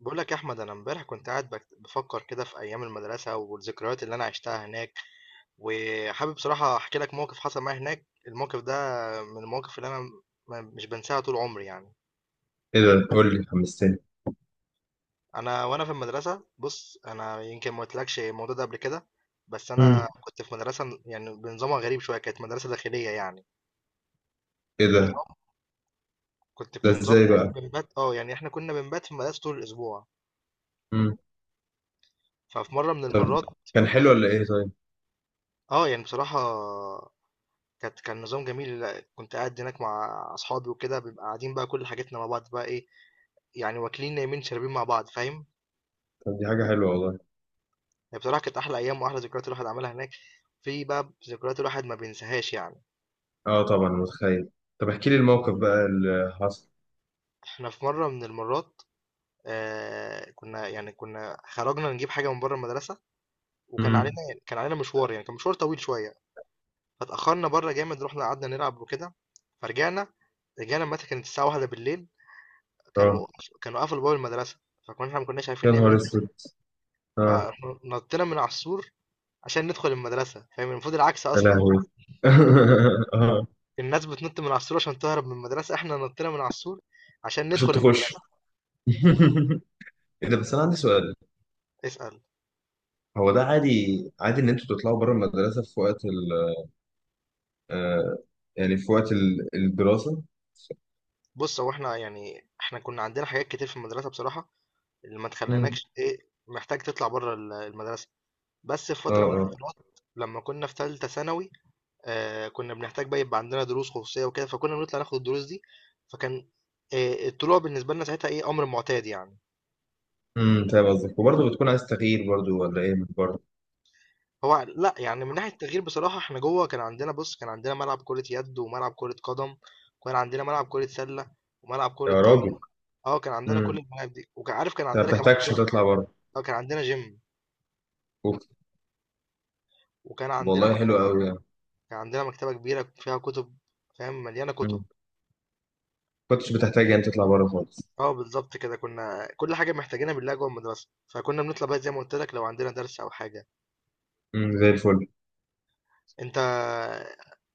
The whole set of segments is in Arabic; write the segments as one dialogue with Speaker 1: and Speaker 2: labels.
Speaker 1: بقول لك يا احمد، انا امبارح كنت قاعد بفكر كده في ايام المدرسه والذكريات اللي انا عشتها هناك. وحابب بصراحه احكي لك موقف حصل معايا هناك. الموقف ده من المواقف اللي انا مش بنساها طول عمري يعني.
Speaker 2: ايه ده، قول لي، حمستني.
Speaker 1: انا وانا في المدرسه، بص، انا يمكن ما قلتلكش الموضوع ده قبل كده. بس
Speaker 2: مم.
Speaker 1: انا كنت في مدرسه يعني بنظامها غريب شويه، كانت مدرسه داخليه يعني.
Speaker 2: ايه ده؟
Speaker 1: النظام، كنت
Speaker 2: ده
Speaker 1: في نظام
Speaker 2: ازاي
Speaker 1: ان
Speaker 2: بقى؟
Speaker 1: احنا بنبات، يعني احنا كنا بنبات في المدرسه طول الاسبوع.
Speaker 2: مم.
Speaker 1: ففي مره من
Speaker 2: طب
Speaker 1: المرات،
Speaker 2: كان حلو ولا ايه؟ طيب،
Speaker 1: اه يعني بصراحه كان نظام جميل. كنت قاعد هناك مع اصحابي وكده، بنبقى قاعدين بقى كل حاجتنا مع بعض، بقى ايه يعني، واكلين نايمين شاربين مع بعض، فاهم؟
Speaker 2: طب دي حاجة حلوة والله.
Speaker 1: يعني بصراحه كانت احلى ايام واحلى ذكريات الواحد عملها هناك. في بقى ذكريات الواحد ما بينساهاش يعني.
Speaker 2: اه طبعا، متخيل. طب احكي لي الموقف بقى اللي حصل.
Speaker 1: احنا في مره من المرات، كنا خرجنا نجيب حاجه من بره المدرسه، وكان علينا
Speaker 2: امم.
Speaker 1: يعني، كان علينا مشوار، يعني كان مشوار طويل شويه. فتاخرنا بره جامد، رحنا قعدنا نلعب وكده، فرجعنا متى كانت الساعه واحدة بالليل.
Speaker 2: اه،
Speaker 1: كانوا كانوا قفلوا باب المدرسه، فكنا احنا ما كناش عارفين
Speaker 2: يا نهار
Speaker 1: نعمل.
Speaker 2: اسود. اه،
Speaker 1: فنطينا من على السور عشان ندخل المدرسة. فاهم؟ المفروض العكس
Speaker 2: يا
Speaker 1: أصلا.
Speaker 2: لهوي. اه،
Speaker 1: الناس بتنط من على السور عشان تهرب من المدرسة، احنا نطينا من على السور عشان
Speaker 2: عشان
Speaker 1: ندخل
Speaker 2: تخش.
Speaker 1: المدرسة.
Speaker 2: ايه ده؟ بس انا عندي سؤال،
Speaker 1: اسأل.
Speaker 2: هو ده عادي؟ عادي ان انتوا تطلعوا بره المدرسة في وقت ال، آه، يعني في وقت الدراسة؟
Speaker 1: بص، هو احنا كنا عندنا حاجات كتير في المدرسة بصراحة، اللي ما
Speaker 2: امم.
Speaker 1: تخليناكش ايه، محتاج تطلع بره المدرسة. بس في
Speaker 2: اه
Speaker 1: فترة من
Speaker 2: اه.
Speaker 1: الفترات، لما كنا في ثالثة ثانوي، كنا بنحتاج بقى يبقى عندنا دروس خصوصية وكده، فكنا بنطلع ناخد الدروس دي. فكان، الطلوع بالنسبة لنا ساعتها ايه، أمر معتاد يعني.
Speaker 2: امم، فاهم قصدك. وبرضه بتكون عايز تغيير برضه ولا ايه؟
Speaker 1: هو لأ، يعني من ناحية التغيير بصراحة، إحنا جوّه كان عندنا ملعب كرة يد، وملعب كرة قدم، وكان عندنا ملعب كرة سلّة، وملعب كرة
Speaker 2: يا راجل.
Speaker 1: طايرة، كان عندنا
Speaker 2: امم،
Speaker 1: كل
Speaker 2: انت
Speaker 1: الملاعب دي، وكان عارف كان
Speaker 2: ما
Speaker 1: عندنا كمان
Speaker 2: بتحتاجش
Speaker 1: gym.
Speaker 2: تطلع بره.
Speaker 1: كان عندنا gym،
Speaker 2: اوف.
Speaker 1: وكان عندنا
Speaker 2: والله حلو
Speaker 1: مكتبة.
Speaker 2: قوي يعني.
Speaker 1: كان عندنا مكتبة كبيرة فيها كُتب، فاهم، مليانة كُتب.
Speaker 2: مم. كنتش بتحتاج يعني تطلع بره خالص.
Speaker 1: بالضبط كده، كنا كل حاجة محتاجينها بنلاقيها جوّه المدرسة، فكنا بنطلع بقى زي ما قُلت لك لو عندنا درس أو حاجة.
Speaker 2: امم، زي الفل.
Speaker 1: أنت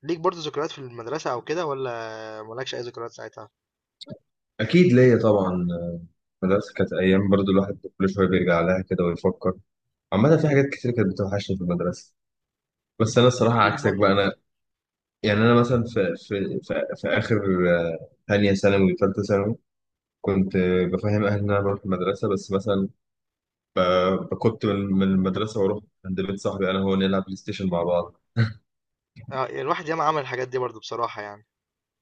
Speaker 1: ليك برضه ذكريات في المدرسة أو كده، والّا ما لكش أي ذكريات ساعتها؟
Speaker 2: اكيد ليا طبعا. المدرسه كانت ايام برضو الواحد كل شويه بيرجع لها كده ويفكر. عامه، في
Speaker 1: إمم.
Speaker 2: حاجات كتير كانت بتوحشني في المدرسه، بس
Speaker 1: طَب
Speaker 2: انا
Speaker 1: ما تحكِ
Speaker 2: الصراحه
Speaker 1: لي
Speaker 2: عكسك
Speaker 1: موقف
Speaker 2: بقى. انا
Speaker 1: كده.
Speaker 2: يعني انا مثلا في اخر، آه، ثانيه ثانوي وثالثه ثانوي، كنت، آه، بفهم اهلي ان انا بروح المدرسه، بس مثلا، آه، كنت من المدرسه واروح عند بيت صاحبي انا، هو نلعب بلاي ستيشن مع بعض.
Speaker 1: الواحد ياما عمل الحاجات دي برضو، بصراحة يعني.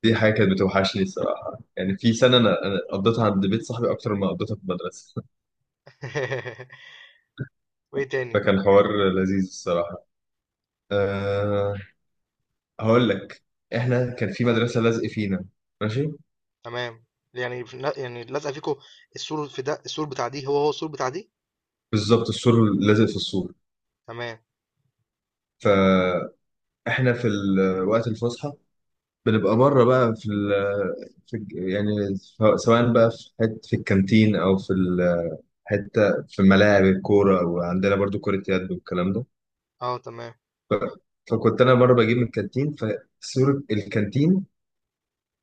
Speaker 2: دي حاجة كانت بتوحشني الصراحة. يعني في سنة أنا قضيتها عند بيت صاحبي أكتر ما قضيتها في المدرسة.
Speaker 1: وايه تاني؟
Speaker 2: فكان حوار لذيذ الصراحة. أه، هقول لك، إحنا كان في مدرسة لازق فينا. ماشي.
Speaker 1: تمام. يعني يعني لازقة فيكو. السور في ده السور بتاع دي هو السور بتاع دي.
Speaker 2: بالظبط، السور لازق في السور.
Speaker 1: تمام.
Speaker 2: فإحنا في وقت الفسحة بنبقى بره بقى في، في سواء بقى في حتة في الكانتين أو في حتة في ملاعب الكورة، وعندنا برضو كرة يد والكلام ده.
Speaker 1: اه، تمام.
Speaker 2: ف- فكنت انا مره بجيب من الكانتين، فسور الكانتين،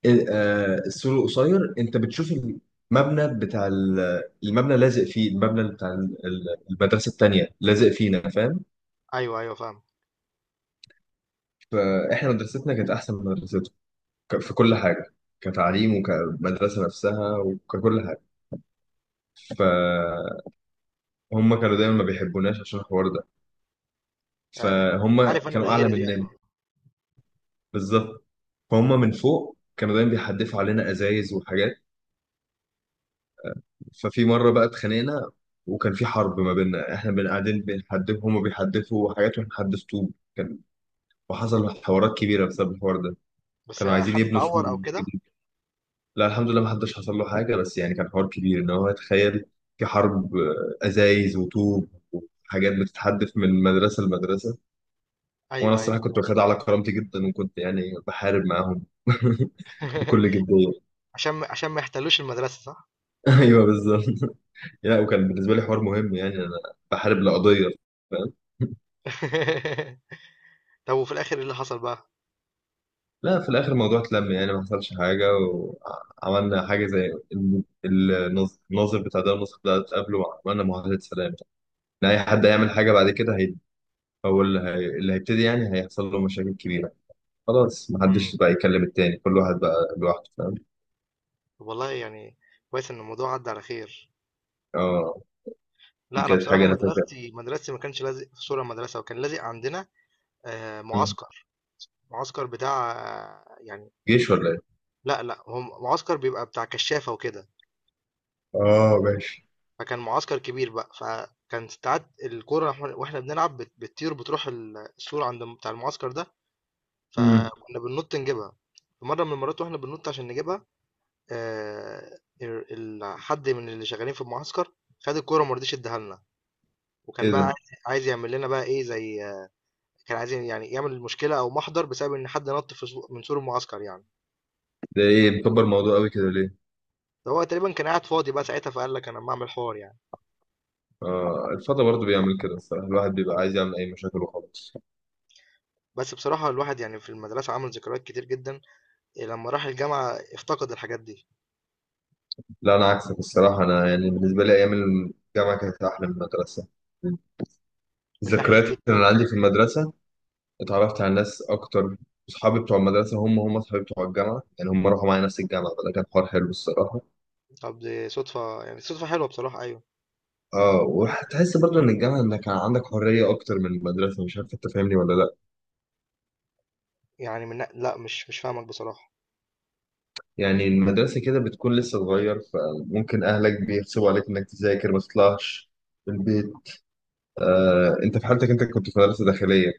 Speaker 2: آه، السور القصير، انت بتشوف المبنى بتاع المبنى لازق فيه، المبنى بتاع المدرسه التانيه لازق فينا، فاهم؟
Speaker 1: ايوه، ايوه، فاهم.
Speaker 2: فاحنا مدرستنا كانت احسن من مدرستهم في كل حاجه، كتعليم وكمدرسه نفسها وككل حاجه. فهم كانوا دايما ما بيحبوناش عشان الحوار ده.
Speaker 1: آه،
Speaker 2: فهم
Speaker 1: عارف انا
Speaker 2: كانوا اعلى
Speaker 1: الغيرة دي،
Speaker 2: مننا.
Speaker 1: ايوه.
Speaker 2: بالظبط. فهم من فوق كانوا دايما بيحدفوا علينا ازايز وحاجات. ففي مرة بقى اتخانقنا، وكان في حرب ما بيننا. احنا بن قاعدين بنحدف، هما بيحدفوا حاجات واحنا بنحدف طوب، كان. وحصل حوارات كبيرة بسبب الحوار ده.
Speaker 1: بس
Speaker 2: كانوا عايزين
Speaker 1: حد
Speaker 2: يبنوا سور
Speaker 1: اتعور او كده؟
Speaker 2: جديد. لا الحمد لله ما حدش حصل له حاجة، بس يعني كان حوار كبير. ان هو تخيل، في حرب، آه، ازايز وطوب وحاجات بتتحدف من مدرسة لمدرسة. وانا
Speaker 1: ايوه، ايوه.
Speaker 2: الصراحة كنت واخدها على كرامتي جدا، وكنت يعني بحارب معاهم. بكل جدية.
Speaker 1: عشان ما يحتلوش المدرسة، صح؟
Speaker 2: ايوه بالظبط. لا، وكان بالنسبة لي حوار مهم. يعني انا بحارب لقضية، فاهم.
Speaker 1: طب وفي الاخر ايه اللي حصل بقى؟
Speaker 2: لا في الاخر الموضوع اتلم، يعني ما حصلش حاجه. وعملنا حاجه زي الناظر، الناظر بتاع ده النسخ ده، اتقابله وعملنا معاهده سلام ان اي حد هيعمل حاجه بعد كده هي هو اللي, هي... اللي هيبتدي يعني هيحصل له مشاكل كبيره. خلاص، ما حدش
Speaker 1: امم
Speaker 2: بقى يكلم التاني، كل واحد بقى لوحده، فاهم.
Speaker 1: والله يعني، كويس ان الموضوع عدى على خير.
Speaker 2: اه، دي
Speaker 1: لا انا
Speaker 2: كانت
Speaker 1: بصراحة،
Speaker 2: حاجه انا فاكرها.
Speaker 1: مدرستي ما كانش لازق في سور المدرسة، وكان لازق عندنا آه،
Speaker 2: مم.
Speaker 1: معسكر معسكر بتاع يعني...
Speaker 2: جيش ولا ايه؟
Speaker 1: لا لا، هو معسكر بيبقى بتاع كشافة وكده.
Speaker 2: اه ماشي.
Speaker 1: فكان معسكر كبير بقى، فكان ساعات الكورة وإحنا بنلعب، بتطير، بتروح السور عند بتاع المعسكر ده،
Speaker 2: مم.
Speaker 1: فكنا بننط نجيبها. في مرة من المرات واحنا بننط عشان نجيبها، آه، ال- حد من اللي شغالين في المعسكر خد الكورة ومرضيش اداها لنا. وكان
Speaker 2: ايه
Speaker 1: بقى عايز
Speaker 2: ده؟
Speaker 1: عايز يعمل لنا بقى ايه، زي، كان عايز يعمل مشكلة او محضر بسبب ان حد نط في من سور المعسكر يعني.
Speaker 2: ده ايه مكبر الموضوع قوي كده ليه؟
Speaker 1: ده هو تقريبا كان قاعد فاضي بقى ساعتها، فقال لك انا ما اعمل حوار يعني.
Speaker 2: اه، الفضا برضه بيعمل كده الصراحه، الواحد بيبقى عايز يعمل اي مشاكل وخلاص.
Speaker 1: بس بصراحة الواحد يعني في المدرسة عمل ذكريات كتير جدا. لما راح الجامعة افتقد الحاجات دي.
Speaker 2: لا انا عكسك الصراحه، انا يعني بالنسبه لي ايام الجامعه كانت احلى من المدرسه.
Speaker 1: من ناحية
Speaker 2: الذكريات اللي
Speaker 1: إيه.
Speaker 2: انا عندي في المدرسه، اتعرفت على ناس اكتر. اصحابي بتوع المدرسه هم اصحابي بتوع الجامعه، يعني هم راحوا معايا نفس الجامعه، فده كان حوار حلو الصراحه.
Speaker 1: طب دي صدفة حلوة بصراحة، أيوة.
Speaker 2: اه، وهتحس برضه ان الجامعه انك كان عندك حريه اكتر من المدرسه، مش عارف انت فاهمني ولا لا.
Speaker 1: يعني لا، مش فاهمك بصراحة.
Speaker 2: يعني المدرسه كده بتكون لسه صغير، فممكن اهلك بيغصبوا عليك انك تذاكر، ما تطلعش من البيت. آه انت في حالتك انت كنت في مدرسه داخليه،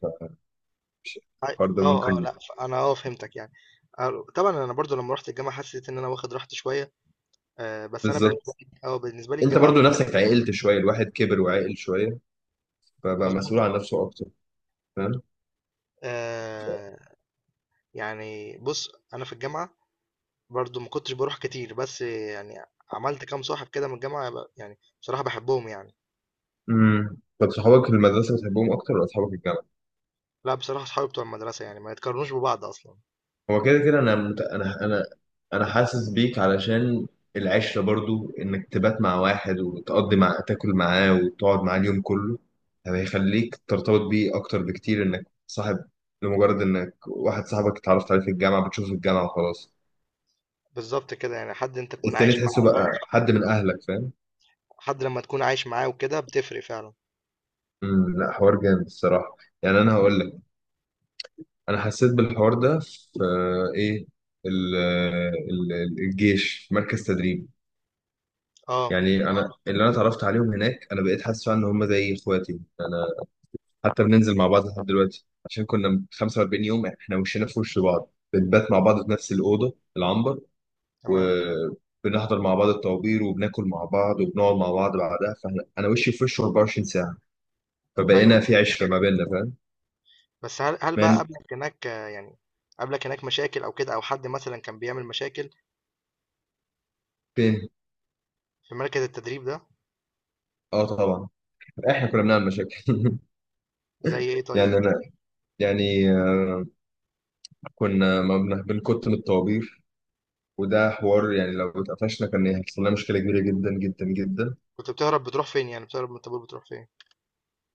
Speaker 1: أي-
Speaker 2: فالحوار ده
Speaker 1: اه، اه،
Speaker 2: ممكن.
Speaker 1: لا، انا فهمتك يعني. طبعا انا برضو لما رحت الجامعة حسيت ان انا واخد راحتي شوية. بس انا بالنسبة
Speaker 2: بالظبط،
Speaker 1: لي اه بالنسبة لي
Speaker 2: انت
Speaker 1: الجامعة...
Speaker 2: برضو نفسك عقلت شويه، الواحد كبر وعقل شويه، فبقى
Speaker 1: مظبوط،
Speaker 2: مسؤول عن
Speaker 1: اه.
Speaker 2: نفسه اكتر، فاهم.
Speaker 1: آه، يعني بص، انا في الجامعة برضو ما كنتش بروح كتير، بس يعني عملت كام صاحب كده من الجامعة، يعني بصراحة بحبهم يعني.
Speaker 2: امم، طب صحابك في المدرسه بتحبهم اكتر ولا اصحابك الجامعه؟
Speaker 1: لا بصراحة، صحابي بتوع المدرسة يعني ما يتقارنوش ببعض أصلا.
Speaker 2: هو كده كده انا مت... انا انا انا حاسس بيك، علشان العشره برضو انك تبات مع واحد وتقضي مع، تاكل معاه وتقعد معاه اليوم كله، يعني هيخليك ترتبط بيه اكتر بكتير انك صاحب. لمجرد انك واحد صاحبك اتعرفت عليه في الجامعه، بتشوفه في الجامعه وخلاص.
Speaker 1: بالظبط كده، يعني حد أنت تكون
Speaker 2: التاني
Speaker 1: عايش
Speaker 2: تحسه
Speaker 1: معاه
Speaker 2: بقى
Speaker 1: بقى.
Speaker 2: حد من اهلك، فاهم.
Speaker 1: حد لما تكون عايش معاه وكده بتفرق فعلا.
Speaker 2: امم، لا حوار جامد الصراحه. يعني انا هقول لك، انا حسيت بالحوار ده في، آه، ايه، الجيش، مركز تدريب.
Speaker 1: اه،
Speaker 2: يعني انا اللي انا اتعرفت عليهم هناك انا بقيت حاسس فعلا ان هم زي اخواتي انا. حتى بننزل مع بعض لحد دلوقتي، عشان كنا 45 يوم احنا وشنا في وش بعض، بنبات مع بعض في نفس الاوضه العنبر،
Speaker 1: تمام.
Speaker 2: وبنحضر مع بعض الطوابير، وبناكل مع بعض وبنقعد مع بعض بعدها، فاحنا انا وشي في وشه 24 ساعه،
Speaker 1: أيوه،
Speaker 2: فبقينا
Speaker 1: أيوه.
Speaker 2: في عشره ما بيننا، فاهم.
Speaker 1: بس هل بقى
Speaker 2: من
Speaker 1: قابلك هناك، يعني قابلك هناك مشاكل أو كده، أو حد مثلا كان بيعمل مشاكل
Speaker 2: فين؟
Speaker 1: في مركز التدريب ده؟
Speaker 2: اه طبعا، احنا كنا بنعمل مشاكل.
Speaker 1: زي إيه طيب؟
Speaker 2: يعني انا، يعني، آه، كنا ما بن- بنكت من الطوابير، وده حوار يعني لو اتقفشنا كان هيحصل لنا مشكله كبيره جدا جدا جدا.
Speaker 1: كنت بتهرب بتروح فين، يعني بتهرب من الطابور بتروح فين؟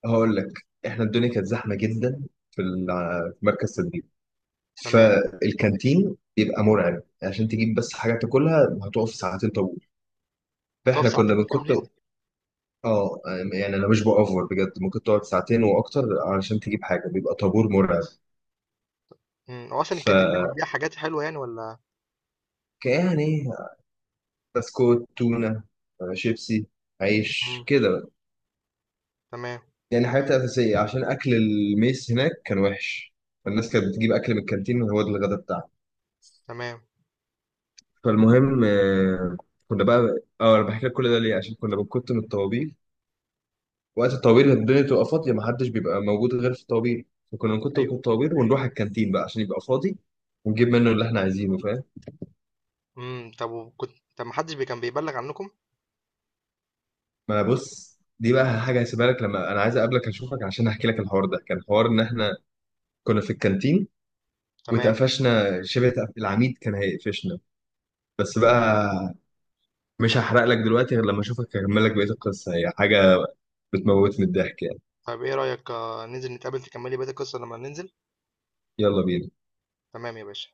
Speaker 2: هقول لك، احنا الدنيا كانت زحمه جدا في في مركز تدريب،
Speaker 1: تمام.
Speaker 2: فالكانتين بيبقى مرعب. عشان تجيب بس حاجه تاكلها هتقف ساعتين طابور،
Speaker 1: هتقف
Speaker 2: فاحنا كنا
Speaker 1: ساعتين كاملين؟
Speaker 2: بنكت. اه. يعني انا مش بأوفر بجد، ممكن تقعد ساعتين واكتر علشان تجيب حاجه، بيبقى طابور مرعب.
Speaker 1: هو أصلا
Speaker 2: ف
Speaker 1: الكانتين ده بيبيع حاجات حلوة يعني، ولا؟
Speaker 2: يعني بسكوت، تونه، آه، شيبسي، عيش
Speaker 1: امم،
Speaker 2: كده.
Speaker 1: تمام.
Speaker 2: يعني حاجات أساسية، عشان أكل الميس هناك كان وحش، فالناس كانت بتجيب أكل من الكانتين وهو ده الغدا بتاعها.
Speaker 1: تمام.
Speaker 2: فالمهم، آه، كنا بقى، اه، انا بحكي لك كل ده ليه عشان كنا بنكت من الطوابير. وقت الطوابير الدنيا تبقى فاضية، محدش بيبقى موجود غير في الطوابير، فكنا نكت من
Speaker 1: أيوه.
Speaker 2: الطوابير ونروح الكانتين بقى عشان يبقى فاضي ونجيب منه اللي احنا عايزينه، فاهم.
Speaker 1: طب وكنت، طب محدش كان بيبلغ عنكم؟
Speaker 2: ما أنا بص، دي بقى حاجة هسيبها لك لما أنا عايز أقابلك أشوفك عشان أحكي لك. الحوار ده كان حوار إن إحنا كنا في الكانتين
Speaker 1: تمام.
Speaker 2: واتقفشنا شبه، العميد كان هيقفشنا، بس بقى مش هحرق لك دلوقتي، غير لما اشوفك هكمل لك بقيه القصه، هي حاجه بتموتني من الضحك يعني.
Speaker 1: طب ايه رأيك، ننزل نتقابل تكملي بقية القصة لما ننزل؟
Speaker 2: يلا بينا.
Speaker 1: تمام يا باشا.